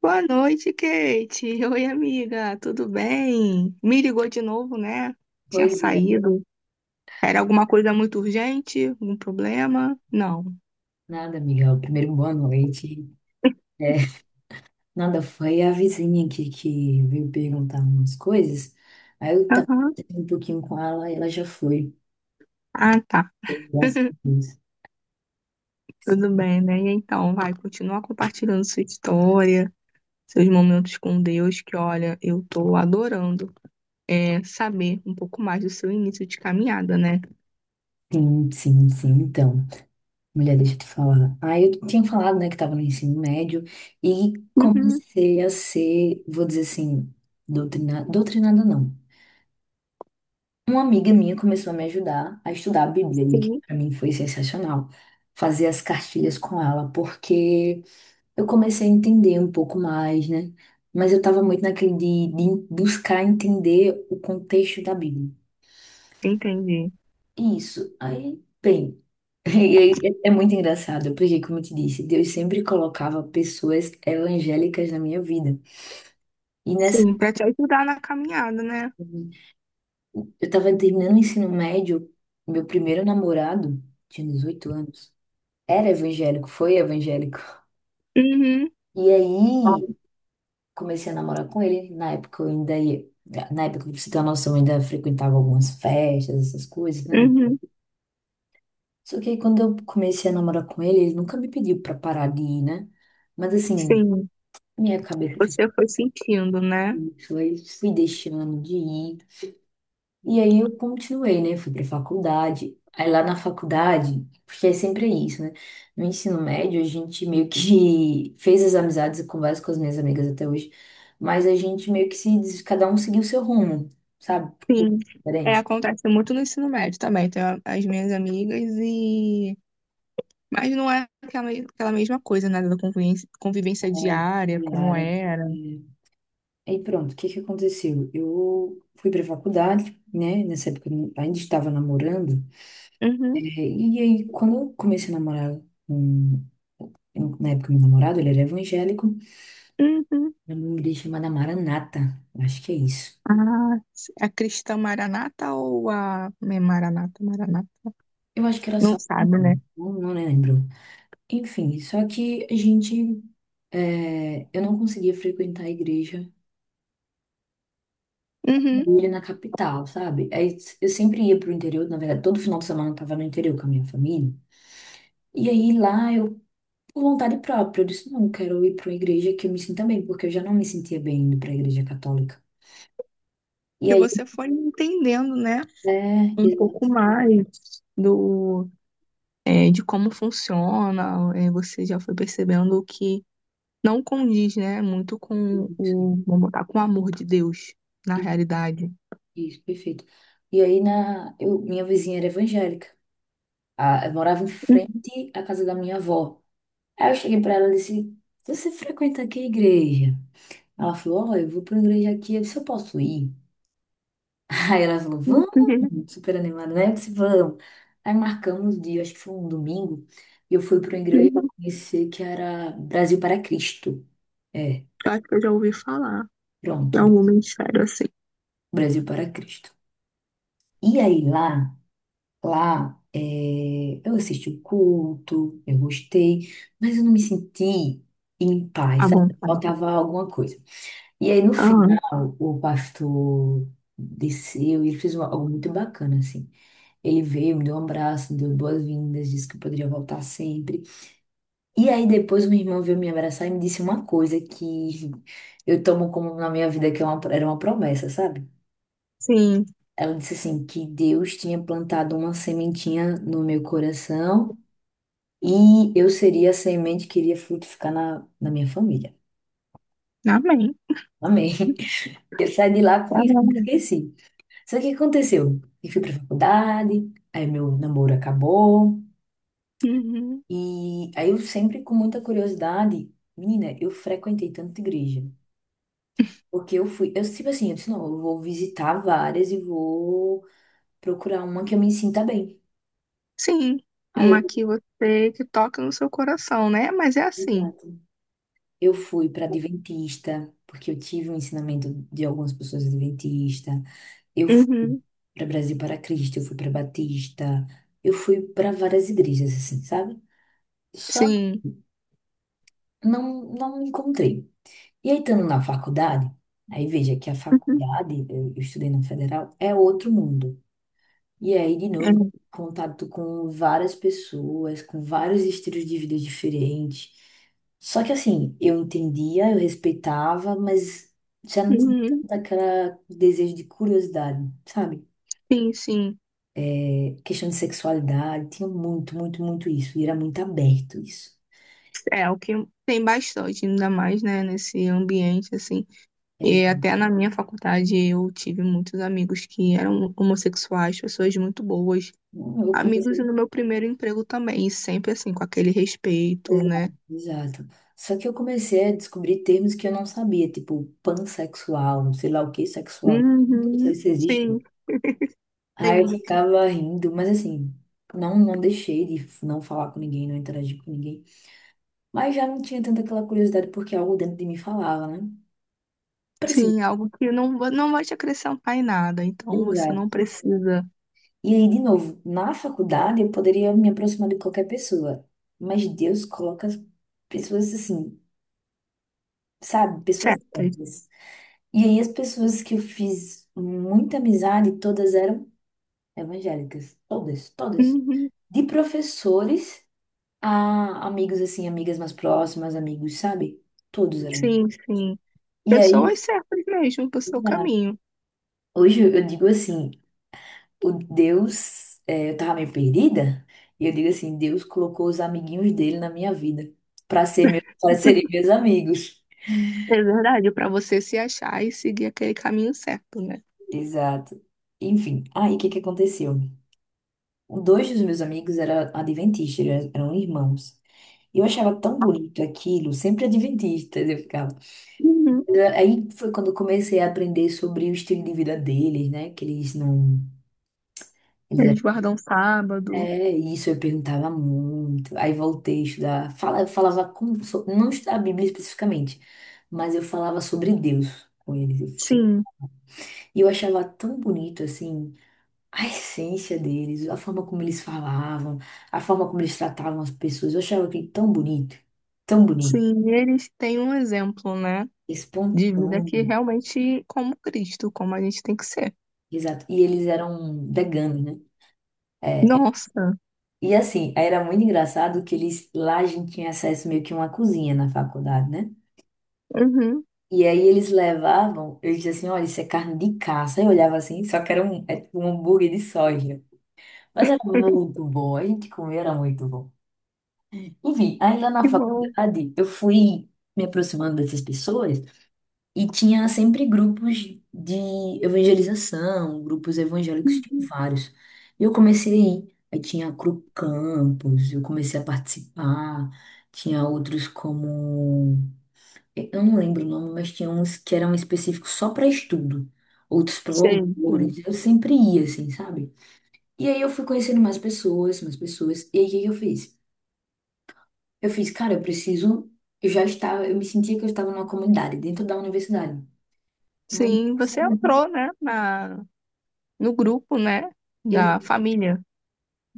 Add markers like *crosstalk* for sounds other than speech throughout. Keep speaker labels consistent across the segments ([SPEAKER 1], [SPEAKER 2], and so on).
[SPEAKER 1] Boa noite, Kate. Oi, amiga. Tudo bem? Me ligou de novo, né? Tinha
[SPEAKER 2] Pois é,
[SPEAKER 1] saído. Era alguma coisa muito urgente? Algum problema? Não.
[SPEAKER 2] nada, Miguel. Primeiro, boa noite. É, nada, foi a vizinha aqui que veio perguntar umas coisas. Aí eu tava
[SPEAKER 1] Aham.
[SPEAKER 2] conversando um pouquinho com ela e ela já foi.
[SPEAKER 1] Ah, tá.
[SPEAKER 2] Graças a Deus.
[SPEAKER 1] Tudo bem, né? E então, vai, continua compartilhando sua história, seus momentos com Deus, que olha, eu tô adorando saber um pouco mais do seu início de caminhada, né?
[SPEAKER 2] Sim, sim, sim. Então, mulher, deixa eu te falar. Aí eu tinha falado, né, que tava no ensino médio e
[SPEAKER 1] Uhum,
[SPEAKER 2] comecei a ser, vou dizer assim, doutrinada, doutrinada não. Uma amiga minha começou a me ajudar a estudar a Bíblia, e que
[SPEAKER 1] sim.
[SPEAKER 2] para mim foi sensacional. Fazer as cartilhas com ela, porque, eu comecei a entender um pouco mais, né? Mas eu estava muito naquele de buscar entender o contexto da Bíblia.
[SPEAKER 1] Entendi.
[SPEAKER 2] Isso. Aí, bem, *laughs* é muito engraçado, porque, como eu te disse, Deus sempre colocava pessoas evangélicas na minha vida. E nessa,
[SPEAKER 1] Sim, pra te ajudar na caminhada, né?
[SPEAKER 2] eu estava terminando o ensino médio, meu primeiro namorado, tinha 18 anos, era evangélico, foi evangélico.
[SPEAKER 1] Uhum.
[SPEAKER 2] E aí, comecei a namorar com ele. Na época eu ainda ia. Na época, pra você ter uma noção, eu ainda frequentava algumas festas, essas coisas, né?
[SPEAKER 1] Uhum.
[SPEAKER 2] Só que aí quando eu comecei a namorar com ele, ele nunca me pediu pra parar de ir, né? Mas assim,
[SPEAKER 1] Sim.
[SPEAKER 2] minha cabeça fez
[SPEAKER 1] Você foi sentindo, né?
[SPEAKER 2] isso, aí fui deixando de ir. E aí eu continuei, né? Fui pra faculdade. Aí lá na faculdade, porque é sempre isso, né? No ensino médio, a gente meio que *laughs* fez as amizades, eu converso com as minhas amigas até hoje, mas a gente meio que se, des- cada um seguiu o seu rumo, sabe? Com
[SPEAKER 1] Sim. É,
[SPEAKER 2] diferença.
[SPEAKER 1] acontece muito no ensino médio também. Tenho as minhas amigas e. Mas não é aquela mesma coisa, né? Da convivência
[SPEAKER 2] É,
[SPEAKER 1] diária,
[SPEAKER 2] e
[SPEAKER 1] como
[SPEAKER 2] área.
[SPEAKER 1] era.
[SPEAKER 2] E aí pronto, o que que aconteceu? Eu fui pra faculdade, né? Nessa época eu ainda estava namorando.
[SPEAKER 1] Uhum,
[SPEAKER 2] E aí, quando eu comecei a namorar com, na época, meu namorado, ele era evangélico.
[SPEAKER 1] uhum.
[SPEAKER 2] Era uma igreja chamada Maranata, acho que é isso.
[SPEAKER 1] Ah, a Cristã Maranata ou a. É Maranata, Maranata?
[SPEAKER 2] Eu acho que era só.
[SPEAKER 1] Não sabe, né?
[SPEAKER 2] Não, não lembro. Enfim, só que a gente. Eu não conseguia frequentar a igreja
[SPEAKER 1] Uhum.
[SPEAKER 2] dele na capital, sabe? Aí eu sempre ia pro interior, na verdade, todo final de semana eu tava no interior com a minha família. E aí lá eu, por vontade própria, eu disse: não, eu quero ir pra uma igreja que eu me sinta bem, porque eu já não me sentia bem indo pra igreja católica. E
[SPEAKER 1] Que
[SPEAKER 2] aí,
[SPEAKER 1] você foi entendendo, né?
[SPEAKER 2] é,
[SPEAKER 1] Um pouco
[SPEAKER 2] exato,
[SPEAKER 1] mais do. De como funciona, você já foi percebendo que não condiz, né, muito com
[SPEAKER 2] isso,
[SPEAKER 1] vamos botar, com o amor de Deus, na realidade.
[SPEAKER 2] isso, perfeito. E aí minha vizinha era evangélica. Ah, eu morava em
[SPEAKER 1] *laughs*
[SPEAKER 2] frente à casa da minha avó. Aí eu cheguei pra ela e disse: Você frequenta que igreja? Ela falou: Ó, eu vou pra igreja aqui. Eu disse: Eu posso ir? *laughs* Aí ela falou:
[SPEAKER 1] Uhum,
[SPEAKER 2] Vamos,
[SPEAKER 1] uhum,
[SPEAKER 2] super animada, né? Eu disse: Vamos. Aí marcamos o dia, acho que foi um domingo, e eu fui pra uma igreja
[SPEAKER 1] uhum.
[SPEAKER 2] conhecer que era Brasil para Cristo. É,
[SPEAKER 1] Eu acho que eu já ouvi falar em
[SPEAKER 2] Pronto,
[SPEAKER 1] algum ministério assim,
[SPEAKER 2] Brasil para Cristo. E aí lá. Lá, eu assisti o culto, eu gostei, mas eu não me senti em paz,
[SPEAKER 1] à
[SPEAKER 2] sabe?
[SPEAKER 1] vontade.
[SPEAKER 2] Faltava alguma coisa. E aí, no
[SPEAKER 1] Ah,
[SPEAKER 2] final, o pastor desceu e ele fez algo muito bacana, assim. Ele veio, me deu um abraço, me deu boas-vindas, disse que eu poderia voltar sempre. E aí, depois, minha irmã veio me abraçar e me disse uma coisa que eu tomo como na minha vida, que era uma promessa, sabe?
[SPEAKER 1] sim,
[SPEAKER 2] Ela disse assim, que Deus tinha plantado uma sementinha no meu coração. E eu seria a semente que iria frutificar na minha família.
[SPEAKER 1] amém.
[SPEAKER 2] Amém. *laughs* Eu saí de lá com isso, nunca
[SPEAKER 1] Amém.
[SPEAKER 2] esqueci. Só que o que aconteceu? Eu fui pra faculdade, aí meu namoro acabou.
[SPEAKER 1] Uhum.
[SPEAKER 2] E aí eu sempre com muita curiosidade, menina, eu frequentei tanta igreja. Porque eu fui, eu tipo assim, eu disse, não, eu vou visitar várias e vou procurar uma que eu me sinta bem.
[SPEAKER 1] Sim,
[SPEAKER 2] Aí eu,
[SPEAKER 1] uma que você que toca no seu coração, né? Mas é assim.
[SPEAKER 2] exato. Eu fui para Adventista, porque eu tive um ensinamento de algumas pessoas adventistas. Eu fui
[SPEAKER 1] Uhum.
[SPEAKER 2] para Brasil para Cristo, eu fui para Batista, eu fui para várias igrejas, assim, sabe? Só
[SPEAKER 1] Sim.
[SPEAKER 2] não, não me encontrei. E aí, estando na faculdade, aí veja que a
[SPEAKER 1] Uhum.
[SPEAKER 2] faculdade, eu estudei na Federal, é outro mundo. E aí, de
[SPEAKER 1] É.
[SPEAKER 2] novo, contato com várias pessoas, com vários estilos de vida diferentes. Só que, assim, eu entendia, eu respeitava, mas já não tinha
[SPEAKER 1] Uhum.
[SPEAKER 2] tanto aquele desejo de curiosidade, sabe?
[SPEAKER 1] Sim, sim.
[SPEAKER 2] Questão de sexualidade, tinha muito, muito, muito isso, e era muito aberto isso.
[SPEAKER 1] É o que tem bastante, ainda mais, né, nesse ambiente assim. E até
[SPEAKER 2] Exato.
[SPEAKER 1] na minha faculdade eu tive muitos amigos que eram homossexuais, pessoas muito boas.
[SPEAKER 2] Eu
[SPEAKER 1] Amigos e
[SPEAKER 2] comecei,
[SPEAKER 1] no meu primeiro emprego também, e sempre assim, com aquele respeito, né?
[SPEAKER 2] exato, exato. Só que eu comecei a descobrir termos que eu não sabia, tipo pansexual, sei lá o que sexual. Não sei
[SPEAKER 1] Uhum,
[SPEAKER 2] se existe.
[SPEAKER 1] sim, tem
[SPEAKER 2] Aí eu
[SPEAKER 1] muito.
[SPEAKER 2] ficava rindo, mas assim, não, não deixei de não falar com ninguém, não interagir com ninguém. Mas já não tinha tanta aquela curiosidade, porque algo dentro de mim falava, né? Preciso.
[SPEAKER 1] Sim, algo que não, não vai te acrescentar em nada, então você não precisa.
[SPEAKER 2] E aí, de novo, na faculdade eu poderia me aproximar de qualquer pessoa, mas Deus coloca as pessoas assim, sabe? Pessoas
[SPEAKER 1] Certas.
[SPEAKER 2] certas. E aí, as pessoas que eu fiz muita amizade, todas eram evangélicas. Todas, todas.
[SPEAKER 1] Uhum,
[SPEAKER 2] De professores a amigos, assim, amigas mais próximas, amigos, sabe? Todos eram.
[SPEAKER 1] sim, sim.
[SPEAKER 2] E aí,
[SPEAKER 1] Pessoas certas mesmo pro seu
[SPEAKER 2] na-
[SPEAKER 1] caminho.
[SPEAKER 2] hoje eu digo assim. O Deus, eu tava meio perdida, e eu digo assim, Deus colocou os amiguinhos dele na minha vida para ser meu, para serem
[SPEAKER 1] *laughs*
[SPEAKER 2] meus amigos.
[SPEAKER 1] É verdade, para você se achar e seguir aquele caminho certo, né?
[SPEAKER 2] Exato. Enfim, aí o que que aconteceu? Dois dos meus amigos eram adventistas, eram irmãos. E eu achava tão bonito aquilo, sempre adventistas eu ficava.
[SPEAKER 1] Uhum.
[SPEAKER 2] Aí foi quando eu comecei a aprender sobre o estilo de vida deles, né? Que eles não,
[SPEAKER 1] Eles
[SPEAKER 2] eles.
[SPEAKER 1] guardam sábado.
[SPEAKER 2] É isso, eu perguntava muito. Aí voltei a estudar. Eu falava não estudar a Bíblia especificamente, mas eu falava sobre Deus com eles. Eu se-
[SPEAKER 1] Sim.
[SPEAKER 2] E eu achava tão bonito assim a essência deles, a forma como eles falavam, a forma como eles tratavam as pessoas. Eu achava aquilo tão bonito,
[SPEAKER 1] Sim, eles têm um exemplo, né, de vida que
[SPEAKER 2] espontâneo.
[SPEAKER 1] realmente como Cristo, como a gente tem que ser.
[SPEAKER 2] Exato. E eles eram veganos, né? É, é.
[SPEAKER 1] Nossa,
[SPEAKER 2] E assim, era muito engraçado que eles lá a gente tinha acesso meio que a uma cozinha na faculdade, né?
[SPEAKER 1] uhum,
[SPEAKER 2] E aí eles levavam, eles diziam assim, olha, isso é carne de caça. Eu olhava assim, só que era um, é tipo um hambúrguer de soja. Mas era
[SPEAKER 1] *laughs*
[SPEAKER 2] muito bom, a gente comia, era muito bom. Enfim, aí lá na
[SPEAKER 1] que bom.
[SPEAKER 2] faculdade eu fui me aproximando dessas pessoas e tinha sempre grupos de evangelização, grupos evangélicos, tinha
[SPEAKER 1] Uhum.
[SPEAKER 2] vários. E eu comecei a ir. Aí tinha a Cru Campus, eu comecei a participar. Tinha outros como eu não lembro o nome, mas tinha uns que eram específicos só para estudo, outros para
[SPEAKER 1] Sei, sei.
[SPEAKER 2] louvores. Eu sempre ia, assim, sabe? E aí eu fui conhecendo mais pessoas, mais pessoas. E aí o que que eu fiz? Eu fiz, cara, eu preciso. Eu já estava, eu me sentia que eu estava numa comunidade, dentro da universidade. Mas
[SPEAKER 1] Sim, você entrou, né, na, no grupo, né,
[SPEAKER 2] e,
[SPEAKER 1] da família.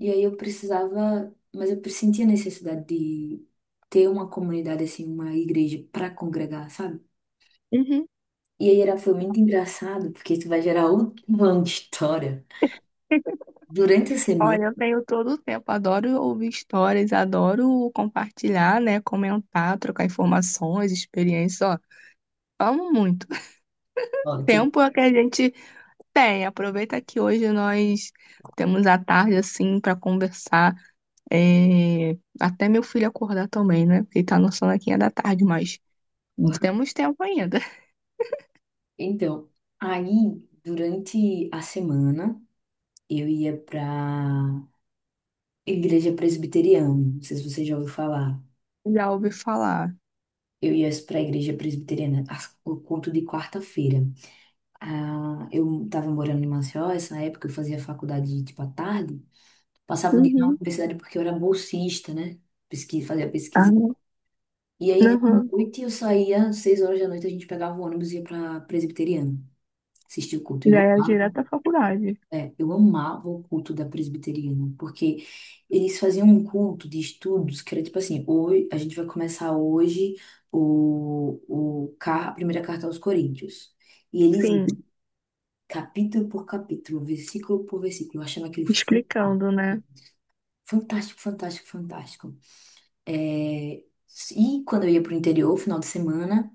[SPEAKER 2] e aí eu precisava, mas eu sentia a necessidade de ter uma comunidade, assim, uma igreja para congregar, sabe?
[SPEAKER 1] Uhum.
[SPEAKER 2] E aí era, foi muito engraçado, porque isso vai gerar outra história. Durante a
[SPEAKER 1] *laughs*
[SPEAKER 2] semana,
[SPEAKER 1] Olha, eu tenho todo o tempo, adoro ouvir histórias, adoro compartilhar, né, comentar, trocar informações, experiências, ó, amo muito. *laughs*
[SPEAKER 2] ótimo.
[SPEAKER 1] Tempo é que a gente tem, aproveita que hoje nós temos a tarde assim para conversar. é, Até meu filho acordar também, né? Ele tá no sonequinha da tarde, mas temos tempo ainda. *laughs*
[SPEAKER 2] Então, aí, durante a semana, eu ia pra igreja presbiteriana. Não sei se você já ouviu falar.
[SPEAKER 1] Já ouvi falar.
[SPEAKER 2] Eu ia pra igreja presbiteriana, o culto de quarta-feira. Ah, eu tava morando em Maceió, essa época eu fazia faculdade, tipo, à tarde. Passava o dia na
[SPEAKER 1] Uhum.
[SPEAKER 2] universidade porque eu era bolsista, né? Pesquisa, fazia pesquisa.
[SPEAKER 1] Ah,
[SPEAKER 2] E aí, à
[SPEAKER 1] uhum.
[SPEAKER 2] noite, eu saía, às 6 horas da noite, a gente pegava o ônibus e ia pra presbiteriana. Assistir o culto. E
[SPEAKER 1] Já
[SPEAKER 2] eu
[SPEAKER 1] é
[SPEAKER 2] amava.
[SPEAKER 1] direto à faculdade.
[SPEAKER 2] Eu amava o culto da presbiteriana, porque eles faziam um culto de estudos que era tipo assim, hoje, a gente vai começar hoje a primeira carta aos Coríntios. E eles, iam
[SPEAKER 1] Sim,
[SPEAKER 2] capítulo por capítulo, versículo por versículo, eu achava aquilo fan-
[SPEAKER 1] explicando, né?
[SPEAKER 2] fantástico, fantástico, fantástico. É, E quando eu ia pro interior, final de semana,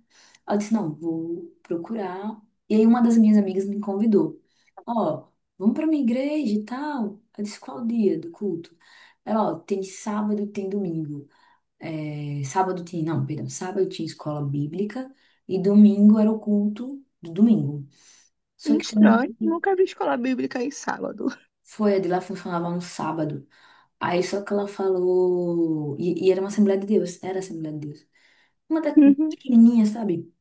[SPEAKER 2] eu disse, não, vou procurar. E aí uma das minhas amigas me convidou. Ó, vamos pra minha igreja e tal. Eu disse, qual o dia do culto? Ela, ó, tem sábado e tem domingo. Sábado tinha, não, perdão, sábado tinha escola bíblica e domingo era o culto do domingo. Só que
[SPEAKER 1] Estranho, nunca vi escola bíblica em sábado.
[SPEAKER 2] foi, a de lá funcionava no sábado. Aí só que ela falou, e era uma Assembleia de Deus, era a Assembleia de Deus. Uma da
[SPEAKER 1] Uhum. *laughs*
[SPEAKER 2] pequenininha, sabe?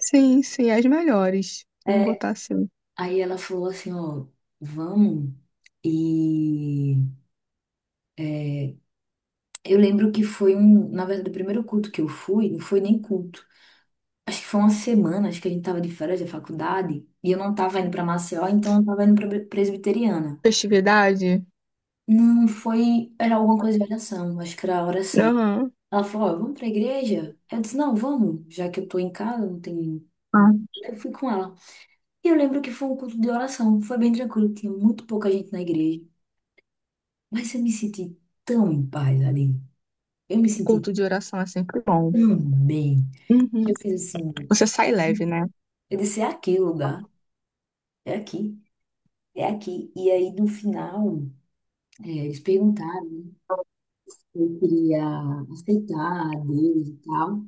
[SPEAKER 1] Sim, sim, as melhores. Vamos
[SPEAKER 2] É,
[SPEAKER 1] botar assim.
[SPEAKER 2] aí ela falou assim, ó, vamos. E é, eu lembro que foi um, na verdade, o primeiro culto que eu fui, não foi nem culto. Acho que foi uma semana, acho que a gente tava de férias da faculdade, e eu não tava indo pra Maceió, então eu tava indo pra Presbiteriana.
[SPEAKER 1] Festividade?
[SPEAKER 2] Não foi, era alguma coisa de oração, acho que era oração.
[SPEAKER 1] Aham.
[SPEAKER 2] Ela falou, ó, vamos pra igreja? Eu disse, não, vamos, já que eu tô em casa, não tem.
[SPEAKER 1] Ah,
[SPEAKER 2] Eu fui com ela. E eu lembro que foi um culto de oração, foi bem tranquilo, tinha muito pouca gente na igreja. Mas eu me senti tão em paz ali. Eu me senti
[SPEAKER 1] culto de oração é sempre bom.
[SPEAKER 2] tão bem. Que
[SPEAKER 1] Uhum.
[SPEAKER 2] eu fiz assim,
[SPEAKER 1] Você sai leve, né?
[SPEAKER 2] eu disse, é aqui o lugar, é aqui, é aqui. E aí no final, eles perguntaram se eu queria aceitar a Deus e tal.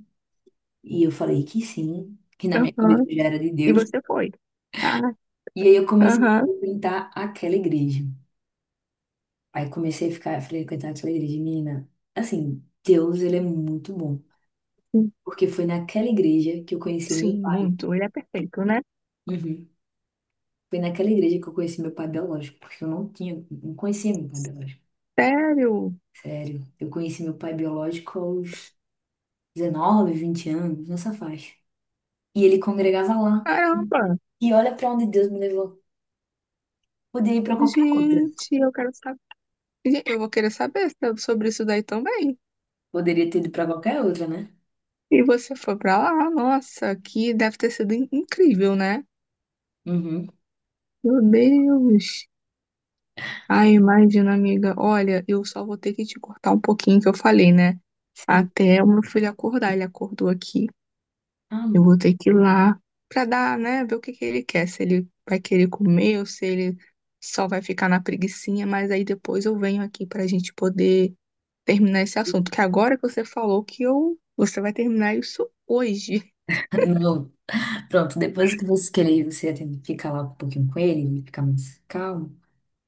[SPEAKER 2] E eu falei que sim, que na minha cabeça
[SPEAKER 1] Aham.
[SPEAKER 2] já era de
[SPEAKER 1] E
[SPEAKER 2] Deus.
[SPEAKER 1] você foi. Ah,
[SPEAKER 2] E aí eu comecei a
[SPEAKER 1] aham.
[SPEAKER 2] frequentar aquela igreja. Aí comecei a ficar, a frequentar aquela igreja, menina. Assim, Deus, ele é muito bom.
[SPEAKER 1] Sim,
[SPEAKER 2] Porque foi naquela igreja que eu conheci meu
[SPEAKER 1] sim,
[SPEAKER 2] pai.
[SPEAKER 1] muito. Ele é perfeito, né?
[SPEAKER 2] Uhum. Foi naquela igreja que eu conheci meu pai biológico, porque eu não tinha, não conhecia meu pai biológico.
[SPEAKER 1] Sério?
[SPEAKER 2] Sério. Eu conheci meu pai biológico aos 19, 20 anos, nessa faixa. E ele congregava lá.
[SPEAKER 1] Caramba!
[SPEAKER 2] E olha pra onde Deus me levou. Poderia ir pra qualquer outra.
[SPEAKER 1] Gente, eu quero saber. Eu vou querer saber sobre isso daí também.
[SPEAKER 2] Poderia ter ido pra qualquer outra, né?
[SPEAKER 1] E você foi pra lá? Nossa, que deve ter sido incrível, né?
[SPEAKER 2] Uhum.
[SPEAKER 1] Meu Deus! Ai, imagina, amiga. Olha, eu só vou ter que te cortar um pouquinho que eu falei, né?
[SPEAKER 2] Sim.
[SPEAKER 1] Até o meu filho acordar. Ele acordou aqui.
[SPEAKER 2] Ah,
[SPEAKER 1] Eu
[SPEAKER 2] não.
[SPEAKER 1] vou
[SPEAKER 2] *laughs*
[SPEAKER 1] ter que ir lá pra dar, né, ver o que que ele quer, se ele vai querer comer ou se ele só vai ficar na preguicinha, mas aí depois eu venho aqui pra gente poder terminar esse assunto, que agora que você falou que eu, você vai terminar isso hoje.
[SPEAKER 2] Não. Pronto, depois que você querer, você tem- que ficar lá um pouquinho com ele, ele ficar mais calmo,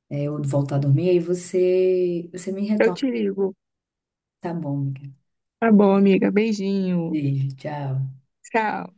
[SPEAKER 2] ou voltar a dormir, aí você me
[SPEAKER 1] *laughs* Eu
[SPEAKER 2] retorna.
[SPEAKER 1] te ligo.
[SPEAKER 2] Tá bom, amiga.
[SPEAKER 1] Tá bom, amiga. Beijinho.
[SPEAKER 2] Beijo, tchau.
[SPEAKER 1] Tchau.